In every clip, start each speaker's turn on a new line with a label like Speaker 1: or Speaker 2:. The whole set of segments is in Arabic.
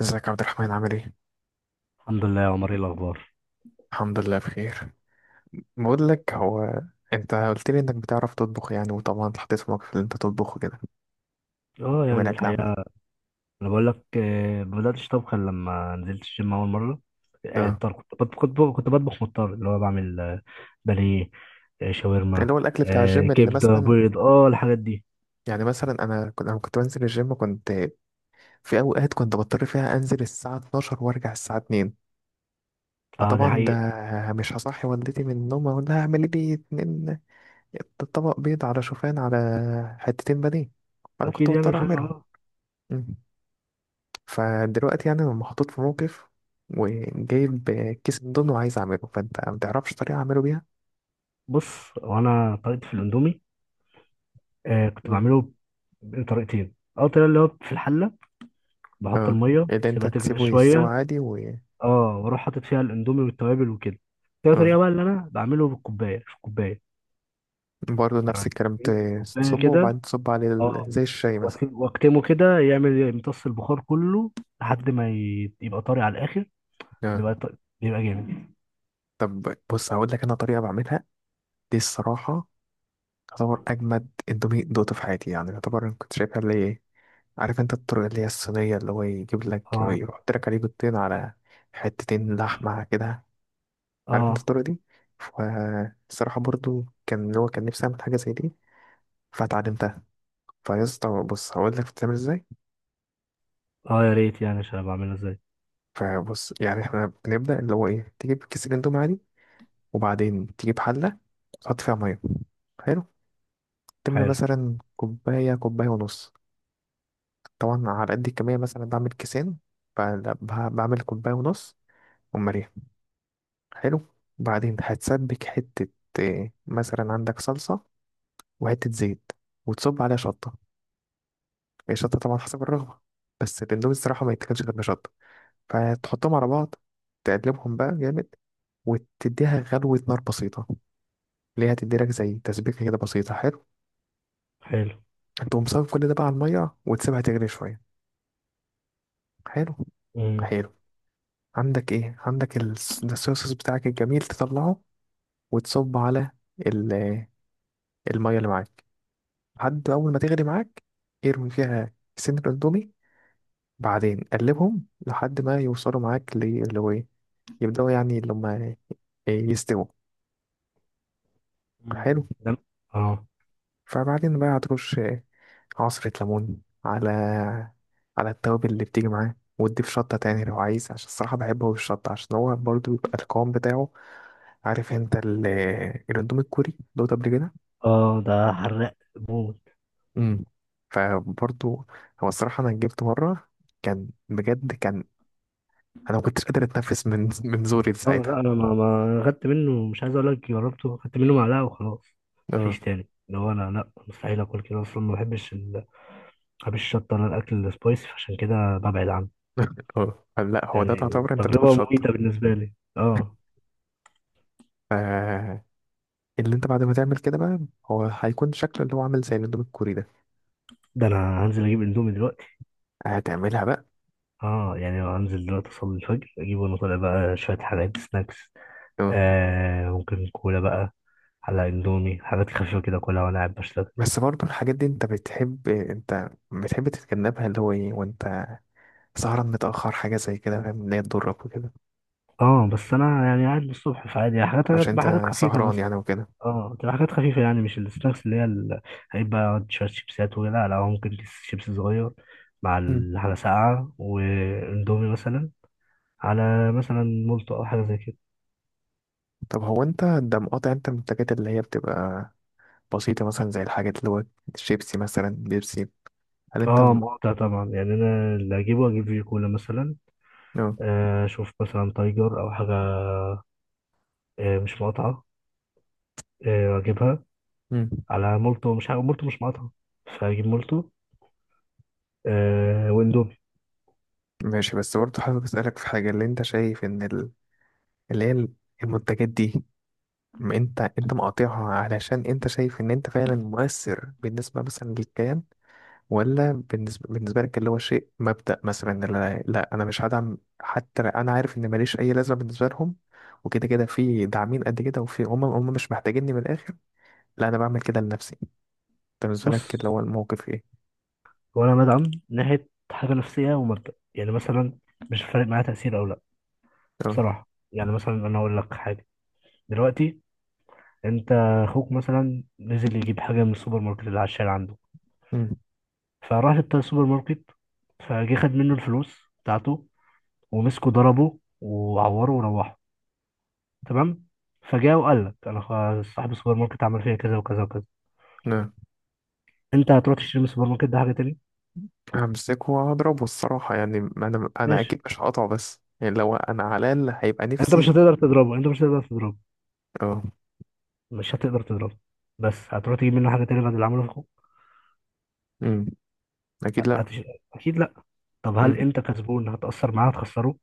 Speaker 1: ازيك يا عبد الرحمن عامل ايه؟
Speaker 2: الحمد لله يا عمر، ايه الاخبار؟
Speaker 1: الحمد لله بخير. بقول لك، هو انت قلت لي انك بتعرف تطبخ يعني، وطبعا اتحطيت في موقف اللي انت تطبخ كده يوم الاكل
Speaker 2: الحقيقه
Speaker 1: عامة.
Speaker 2: انا بقول لك، ما بداتش طبخ إلا لما نزلت الجيم اول مره. يعني
Speaker 1: اه،
Speaker 2: الطبخ كنت بط- كنت ب- كنت بطبخ مضطر، اللي هو بعمل بانيه،
Speaker 1: اللي
Speaker 2: شاورما،
Speaker 1: هو الاكل بتاع الجيم اللي
Speaker 2: كبده،
Speaker 1: مثلا.
Speaker 2: بيض، اه الحاجات دي.
Speaker 1: يعني مثلا انا كنت بنزل الجيم، كنت في اوقات كنت بضطر فيها انزل الساعة 12 وارجع الساعة 2.
Speaker 2: اه دي
Speaker 1: فطبعا
Speaker 2: حقيقه.
Speaker 1: ده مش هصحي والدتي من النوم اقول لها اعملي لي اتنين طبق بيض على شوفان، على حتتين بانيه، فانا كنت
Speaker 2: اكيد يعني.
Speaker 1: بضطر
Speaker 2: مش
Speaker 1: اعملهم.
Speaker 2: اه.
Speaker 1: فدلوقتي يعني انا محطوط في موقف وجايب كيس اندومي وعايز اعمله، فانت ما تعرفش طريقه اعمله بيها؟
Speaker 2: بص، وانا طريقتي في الاندومي كنت
Speaker 1: مم.
Speaker 2: بعمله بطريقتين. اول طريقه اللي هو في الحله، بحط
Speaker 1: اه،
Speaker 2: الميه
Speaker 1: اللي انت
Speaker 2: سيبها تغلي
Speaker 1: تسيبه يستوي
Speaker 2: شويه،
Speaker 1: عادي و.
Speaker 2: اه واروح حاطط فيها الاندومي والتوابل وكده. تاني
Speaker 1: اه،
Speaker 2: طريقه بقى اللي انا بعمله بالكوبايه، في الكوبايه
Speaker 1: برضه نفس
Speaker 2: يعني
Speaker 1: الكلام
Speaker 2: أجيب كوباية
Speaker 1: تصبه
Speaker 2: كده،
Speaker 1: وبعدين تصب عليه
Speaker 2: اه
Speaker 1: زي الشاي مثلا.
Speaker 2: واكتمه كده يعمل يمتص البخار كله لحد ما يبقى طري على الآخر،
Speaker 1: اه.
Speaker 2: بيبقى جامد
Speaker 1: طب بص، هقول لك انا طريقه بعملها، دي الصراحه تعتبر اجمد اندومي دوقته في حياتي. يعني يعتبر، أنا كنت شايفها اللي هي، عارف انت الطريقه اللي هي الصينيه اللي هو يجيب لك
Speaker 2: اه،
Speaker 1: يحط لك عليه بيضتين على حتتين لحمه كده، عارف انت
Speaker 2: اه،
Speaker 1: الطريقة دي؟ فالصراحة برضو كان اللي هو كان نفسي اعمل حاجة زي دي، فاتعلمتها. فيا اسطى بص، هقول لك بتتعمل ازاي.
Speaker 2: اه، يا ريت يعني عشان أبقى أعملها ازاي.
Speaker 1: فبص، يعني احنا بنبدأ اللي هو ايه، تجيب كيس الاندومي عادي، وبعدين تجيب حلة تحط فيها مية. حلو. تملى
Speaker 2: حلو،
Speaker 1: مثلا كوباية، كوباية ونص. طبعا على قد الكمية، مثلا بعمل كيسين فبعمل كوباية ونص ومليان. حلو. بعدين هتسبك حتة إيه، مثلا عندك صلصة وحتة زيت، وتصب عليها شطة. هي شطة طبعا حسب الرغبة، بس الاندومي الصراحة ما يتاكلش غير بشطة. فتحطهم على بعض، تقلبهم بقى جامد، وتديها غلوة نار بسيطة، اللي هي هتديلك زي تسبيكة كده بسيطة. حلو
Speaker 2: حلو.
Speaker 1: تقوم صافي كل ده بقى على المية وتسيبها تغلي شوية حلو. حلو. عندك ايه، عندك ده الصويا صوص بتاعك الجميل، تطلعه وتصب على ال- المية اللي معاك. لحد أول ما تغلي معاك، ارمي فيها سن الاندومي، بعدين قلبهم لحد ما يوصلوا معاك يبدأوا يعني اللي هما يستووا. حلو.
Speaker 2: ده، اه،
Speaker 1: فبعدين بقى هترش عصرة ليمون على على التوابل اللي بتيجي معاه، وتضيف شطة تاني لو عايز، عشان الصراحة بحبه بالشطة عشان هو برضو بيبقى القوام بتاعه. عارف انت الاندومي الكوري دوت قبل كده؟
Speaker 2: اه. ده حراق موت.
Speaker 1: امم. فبرضو، هو الصراحة أنا جبت مرة، كان بجد كان، أنا ما كنتش قادر أتنفس من زوري
Speaker 2: اه لا،
Speaker 1: ساعتها.
Speaker 2: انا ما خدت منه، مش عايز اقول لك جربته، خدت منه معلقه وخلاص.
Speaker 1: اه.
Speaker 2: مفيش تاني. اللي هو انا لا، مستحيل اكل كده اصلا، ما بحبش ال... ما بحبش الشطه، انا الاكل السبايسي فعشان كده ببعد عنه.
Speaker 1: اه لا، هو ده
Speaker 2: يعني
Speaker 1: تعتبر أنت بتاكل
Speaker 2: تجربة مميتة بالنسبة لي، اه.
Speaker 1: شطة. اللي انت بعد ما تعمل كده بقى، هو هيكون شكله اللي هو عامل زي الاندومي الكوري ده.
Speaker 2: ده انا هنزل اجيب اندومي دلوقتي.
Speaker 1: هتعملها بقى؟
Speaker 2: اه يعني هنزل دلوقتي اصلي الفجر اجيب، وانا طالع بقى شوية حاجات سناكس،
Speaker 1: اه.
Speaker 2: آه ممكن كولا بقى على اندومي، حاجات خفيفة كده كلها وانا قاعد بشتغل.
Speaker 1: بس برضه الحاجات دي انت بتحب تتجنبها اللي هو ايه، وانت سهران متأخر حاجة زي كده، فاهم ان هي تضرك وكده.
Speaker 2: اه بس انا يعني قاعد للصبح، فعادي يعني حاجات،
Speaker 1: عشان
Speaker 2: تبقى حاجات
Speaker 1: انت
Speaker 2: خفيفة
Speaker 1: سهران
Speaker 2: مثلا.
Speaker 1: يعني وكده.
Speaker 2: اه تبقى حاجات خفيفة، يعني مش السناكس اللي هي ال...، هيبقى شوية شيبسات، ولا لا لا، هو ممكن كيس شيبس صغير مع
Speaker 1: مم.
Speaker 2: حاجة ساقعة واندومي مثلا، على مثلا مولتو او حاجة زي كده.
Speaker 1: طب هو انت ده مقاطع انت من الحاجات اللي هي بتبقى بسيطة، مثلا زي الحاجات اللي هو شيبسي مثلا، بيبسي؟ هل انت؟
Speaker 2: اه مقاطع طبعا، يعني انا اللي اجيبه اجيب فيجي كولا مثلا،
Speaker 1: اه.
Speaker 2: اشوف مثلا تايجر او حاجه، مش مقاطعه، اجيبها
Speaker 1: مم.
Speaker 2: على مولتو، مش حاجه، مولتو مش مقاطعه، فاجيب مولتو، واندومي
Speaker 1: ماشي. بس برضه
Speaker 2: بس.
Speaker 1: حابب اسألك في حاجة، اللي انت شايف ان اللي هي المنتجات دي، ما انت مقاطعها علشان انت شايف ان انت فعلا مؤثر بالنسبه مثلا للكيان، ولا بالنسبه لك اللي هو شيء مبدأ، مثلا إن لا, لا انا مش هدعم حتى لو انا عارف ان ماليش اي لازمه بالنسبه لهم، وكده كده في داعمين قد كده، وفي هم مش محتاجيني من الاخر، لا انا بعمل كده لنفسي؟ انت بالنسبه
Speaker 2: بص،
Speaker 1: لك اللي هو الموقف ايه؟
Speaker 2: وانا بدعم ناحيه حاجه نفسيه ومبدا، يعني مثلا مش فارق معايا تاثير او لا.
Speaker 1: اه.
Speaker 2: بصراحه يعني مثلا انا اقول لك حاجه. دلوقتي انت، اخوك مثلا نزل يجيب حاجه من السوبر ماركت اللي على الشارع عنده،
Speaker 1: امم.
Speaker 2: فراح السوبر ماركت، فجه خد منه الفلوس بتاعته، ومسكوا ضربوا وعوروا وروحوا، تمام. فجاء وقال لك انا، صاحب السوبر ماركت عمل فيا كذا وكذا وكذا.
Speaker 1: اه.
Speaker 2: انت هتروح تشتري من السوبر ماركت ده حاجه تاني؟
Speaker 1: همسكه وهضربه الصراحه. يعني انا
Speaker 2: ماشي.
Speaker 1: اكيد مش هقطعه، بس يعني لو انا على الاقل هيبقى
Speaker 2: انت مش
Speaker 1: نفسي.
Speaker 2: هتقدر تضربه، انت مش هتقدر تضربه،
Speaker 1: اه.
Speaker 2: مش هتقدر تضربه. بس هتروح تجيب منه حاجه تاني بعد اللي عمله في اخوك؟
Speaker 1: امم. اكيد لا.
Speaker 2: هتش... اكيد لا. طب
Speaker 1: امم.
Speaker 2: هل انت كسبان، هتاثر معاه هتخسره؟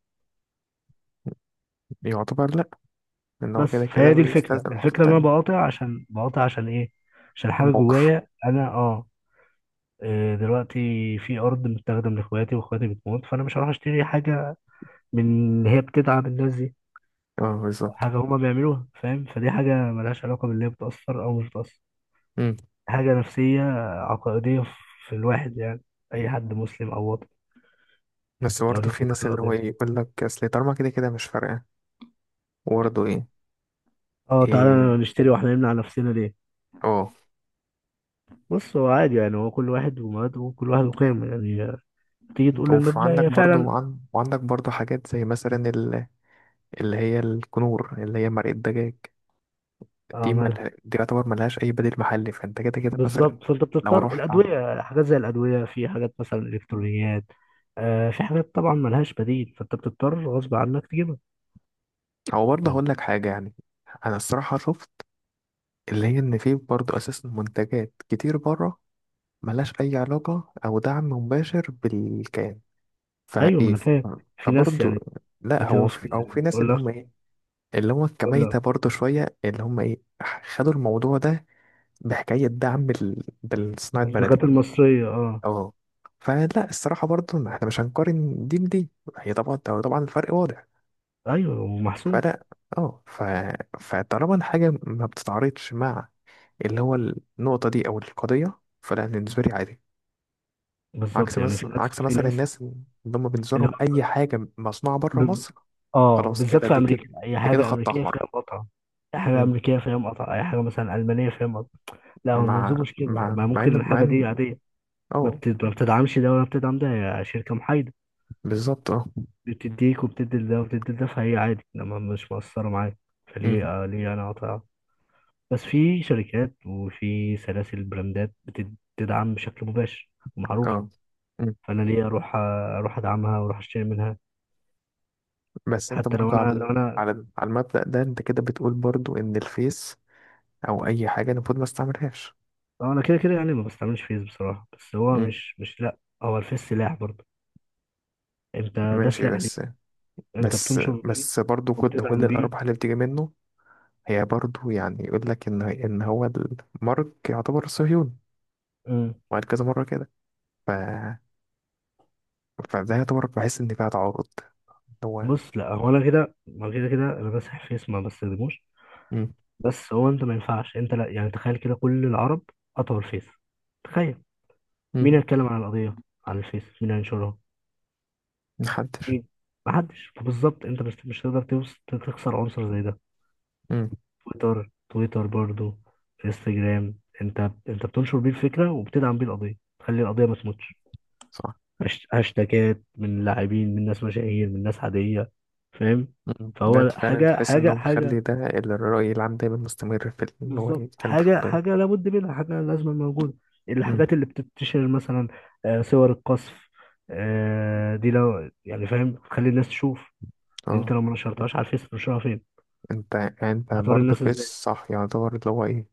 Speaker 1: يعتبر لا، لأن هو
Speaker 2: بس
Speaker 1: كده كده
Speaker 2: فهي دي الفكره،
Speaker 1: بيستلزم حتة
Speaker 2: الفكره ان انا
Speaker 1: تانية.
Speaker 2: بقاطع، عشان بقاطع عشان ايه؟ عشان حاجه
Speaker 1: موقف.
Speaker 2: جوايا انا، اه. دلوقتي في ارض متاخده من اخواتي، واخواتي بتموت، فانا مش هروح اشتري حاجه من إن هي بتدعم الناس دي،
Speaker 1: اه، بالظبط.
Speaker 2: حاجة هما بيعملوها، فاهم. فدي حاجة ملهاش علاقة باللي هي بتأثر أو مش بتأثر،
Speaker 1: مم.
Speaker 2: حاجة نفسية، عقائدية في الواحد يعني، أي حد مسلم أو وطني
Speaker 1: بس
Speaker 2: لو
Speaker 1: برضه
Speaker 2: ليه
Speaker 1: في
Speaker 2: انتماء
Speaker 1: ناس اللي هو
Speaker 2: للقضية.
Speaker 1: إيه يقول لك أصل طالما كده كده مش فارقة، وبرضه إيه.
Speaker 2: اه
Speaker 1: إيه.
Speaker 2: تعالى نشتري واحنا نمنع نفسنا ليه؟
Speaker 1: اه.
Speaker 2: بص، هو عادي يعني، هو كل واحد ومبادئه، وكل واحد وقيمه يعني، تيجي تقول للمبدأ
Speaker 1: وعندك
Speaker 2: هي
Speaker 1: برضه
Speaker 2: فعلا
Speaker 1: وعندك برضه حاجات زي مثلا ال-، اللي هي الكنور اللي هي مرقة دجاج، دي
Speaker 2: اه.
Speaker 1: مل...
Speaker 2: مالها؟
Speaker 1: دي يعتبر ملهاش أي بديل محلي، فأنت كده كده مثلا
Speaker 2: بالظبط، فانت
Speaker 1: لو
Speaker 2: بتضطر،
Speaker 1: رحت عن-،
Speaker 2: الأدوية حاجات زي الأدوية، في حاجات مثلا إلكترونيات، آه في حاجات طبعا ملهاش بديل، فانت بتضطر غصب عنك تجيبها،
Speaker 1: أو برضه
Speaker 2: يعني.
Speaker 1: هقول لك حاجة يعني، أنا الصراحة شفت اللي هي إن في برضه أساسا منتجات كتير بره ملهاش أي علاقة أو دعم مباشر بالكيان،
Speaker 2: ايوه ما
Speaker 1: فإيه.
Speaker 2: انا فاهم، في ناس
Speaker 1: فبرضه،
Speaker 2: يعني
Speaker 1: لأ هو
Speaker 2: بتوصل.
Speaker 1: في، أو في ناس
Speaker 2: بقول
Speaker 1: اللي
Speaker 2: لك،
Speaker 1: هم إيه، اللي هم
Speaker 2: بقول
Speaker 1: كميتة
Speaker 2: لك
Speaker 1: برضه شوية اللي هم إيه، خدوا الموضوع ده بحكاية دعم بالصناعة بلدي.
Speaker 2: الدكاتره المصريه، اه.
Speaker 1: أه. فلا الصراحة برضه، ما إحنا مش هنقارن دي بدي، هي طبعا طبعا الفرق واضح.
Speaker 2: ايوه ومحسوب.
Speaker 1: فلا، أه، فطالما الحاجة ما بتتعارضش مع اللي هو النقطة دي أو القضية، فلا بالنسبة لي عادي. عكس
Speaker 2: بالظبط يعني في
Speaker 1: مثلا
Speaker 2: ناس
Speaker 1: عكس
Speaker 2: في
Speaker 1: مثلا
Speaker 2: ناس
Speaker 1: الناس اللي هم بالنسبة
Speaker 2: اللي
Speaker 1: لهم
Speaker 2: هو،
Speaker 1: أي حاجة مصنوعة بره
Speaker 2: ب-
Speaker 1: مصر،
Speaker 2: اه
Speaker 1: خلاص
Speaker 2: بالذات
Speaker 1: كده
Speaker 2: في
Speaker 1: دي كده
Speaker 2: امريكا، اي حاجه
Speaker 1: خط
Speaker 2: امريكيه
Speaker 1: أحمر.
Speaker 2: فيها مقاطعه، اي حاجه
Speaker 1: مم.
Speaker 2: امريكيه فيها مقاطعه، اي حاجه مثلا المانيه فيها مقاطعه. لا هو
Speaker 1: مع
Speaker 2: المنظور مش كده،
Speaker 1: مع
Speaker 2: ما
Speaker 1: مع
Speaker 2: ممكن
Speaker 1: إن مع
Speaker 2: الحاجه دي
Speaker 1: إن
Speaker 2: عاديه،
Speaker 1: أه،
Speaker 2: ما بتدعمش ده ولا بتدعم ده، هي شركه محايده،
Speaker 1: بالظبط. أه.
Speaker 2: بتديك وبتدي ده وبتدي ده، فهي عادي لما مش مقصره معايا.
Speaker 1: مم.
Speaker 2: فليه، آه ليه انا اقاطع؟ بس في شركات وفي سلاسل براندات بتدعم بشكل مباشر ومعروف.
Speaker 1: أه. مم.
Speaker 2: فانا ليه اروح، ادعمها واروح اشتري منها؟
Speaker 1: بس أنت
Speaker 2: حتى لو
Speaker 1: برضه
Speaker 2: انا،
Speaker 1: على
Speaker 2: لو انا،
Speaker 1: على المبدأ ده، أنت كده بتقول برضه إن الفيس أو أي حاجة المفروض ما استعملهاش.
Speaker 2: كده كده يعني ما بستعملش فيس بصراحه، بس هو
Speaker 1: مم.
Speaker 2: مش لا، هو الفيس سلاح برضه، انت ده
Speaker 1: ماشي.
Speaker 2: سلاح ليك،
Speaker 1: بس
Speaker 2: انت
Speaker 1: بس
Speaker 2: بتنشر بيه
Speaker 1: بس برضه كل
Speaker 2: وبتدعم بيه.
Speaker 1: الأرباح اللي بتيجي منه، هي برضه يعني يقول لك إن هو المارك يعتبر صهيوني،
Speaker 2: مم.
Speaker 1: وقال كذا مرة كده. ف... فده يعتبر، بحس إن فيها تعارض اللي هو.
Speaker 2: بص لا، هو انا كده ما كده كده انا بمسح فيس، ما بستخدموش.
Speaker 1: مم.
Speaker 2: بس هو انت ما ينفعش، انت لا، يعني تخيل كده كل العرب قطعوا الفيس، تخيل، مين
Speaker 1: مم.
Speaker 2: هيتكلم عن القضيه على الفيس؟ مين هينشرها؟
Speaker 1: محدش.
Speaker 2: مين؟ محدش. بالظبط، انت مش هتقدر تخسر عنصر زي ده.
Speaker 1: مم.
Speaker 2: تويتر، برضو، انستجرام، انت بتنشر بيه الفكره، وبتدعم بيه القضيه، تخلي القضيه ما تموتش،
Speaker 1: صح.
Speaker 2: هاشتاجات من لاعبين، من ناس مشاهير، من ناس عاديه، فاهم.
Speaker 1: مم. ده اللي
Speaker 2: فهو
Speaker 1: فعلا
Speaker 2: حاجه،
Speaker 1: تحس
Speaker 2: حاجه،
Speaker 1: إنه مخلي
Speaker 2: حاجه،
Speaker 1: ده الرأي العام دايما مستمر في ال-، إن هو
Speaker 2: بالظبط،
Speaker 1: يتكلم في
Speaker 2: حاجه،
Speaker 1: القضية.
Speaker 2: حاجه لابد منها، حاجه لازم موجوده.
Speaker 1: مم.
Speaker 2: الحاجات اللي بتنتشر مثلا، صور القصف، دي لو يعني فاهم تخلي الناس تشوف، ان انت
Speaker 1: اه.
Speaker 2: لو ما نشرتهاش على الفيس تنشرها فين؟
Speaker 1: انت
Speaker 2: هتوري
Speaker 1: برضه
Speaker 2: الناس
Speaker 1: في
Speaker 2: ازاي؟
Speaker 1: صح، يعتبر اللي هو ايه،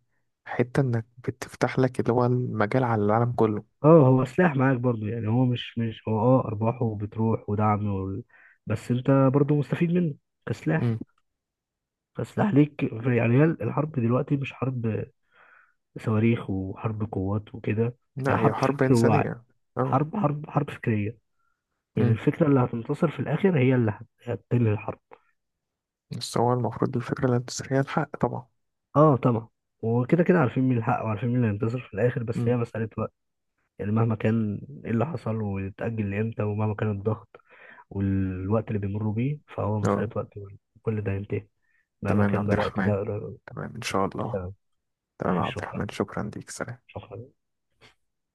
Speaker 1: حتة انك بتفتح لك اللي هو المجال على العالم كله.
Speaker 2: اه هو سلاح معاك برضو يعني، هو مش هو، اه ارباحه بتروح ودعم وال...، بس انت برضو مستفيد منه كسلاح،
Speaker 1: مم.
Speaker 2: كسلاح ليك في-. يعني هي الحرب دلوقتي مش حرب صواريخ وحرب قوات وكده، هي
Speaker 1: لا هي
Speaker 2: حرب
Speaker 1: حرب
Speaker 2: فكر ووعي،
Speaker 1: إنسانية. اه.
Speaker 2: حرب فكرية، يعني
Speaker 1: مم.
Speaker 2: الفكرة اللي هتنتصر في الآخر هي اللي هتنهي الحرب.
Speaker 1: بس هو المفروض الفكرة الانتصارية الحق طبعا.
Speaker 2: اه طبعا، وكده كده عارفين مين الحق وعارفين مين اللي هينتصر في الآخر، بس هي
Speaker 1: مم.
Speaker 2: مسألة وقت، يعني مهما كان ايه اللي حصل ويتأجل لإمتى، ومهما كان الضغط والوقت اللي بيمروا بيه، فهو
Speaker 1: اه.
Speaker 2: مسألة وقت، وكل ده ينتهي، مهما
Speaker 1: تمام يا
Speaker 2: كان
Speaker 1: عبد
Speaker 2: بقى الوقت ده
Speaker 1: الرحمن.
Speaker 2: قريب أو بعيد.
Speaker 1: تمام إن شاء الله.
Speaker 2: تمام.
Speaker 1: تمام يا
Speaker 2: ماشي،
Speaker 1: عبد
Speaker 2: شكرا.
Speaker 1: الرحمن، شكرا ليك، سلام.
Speaker 2: شكرا.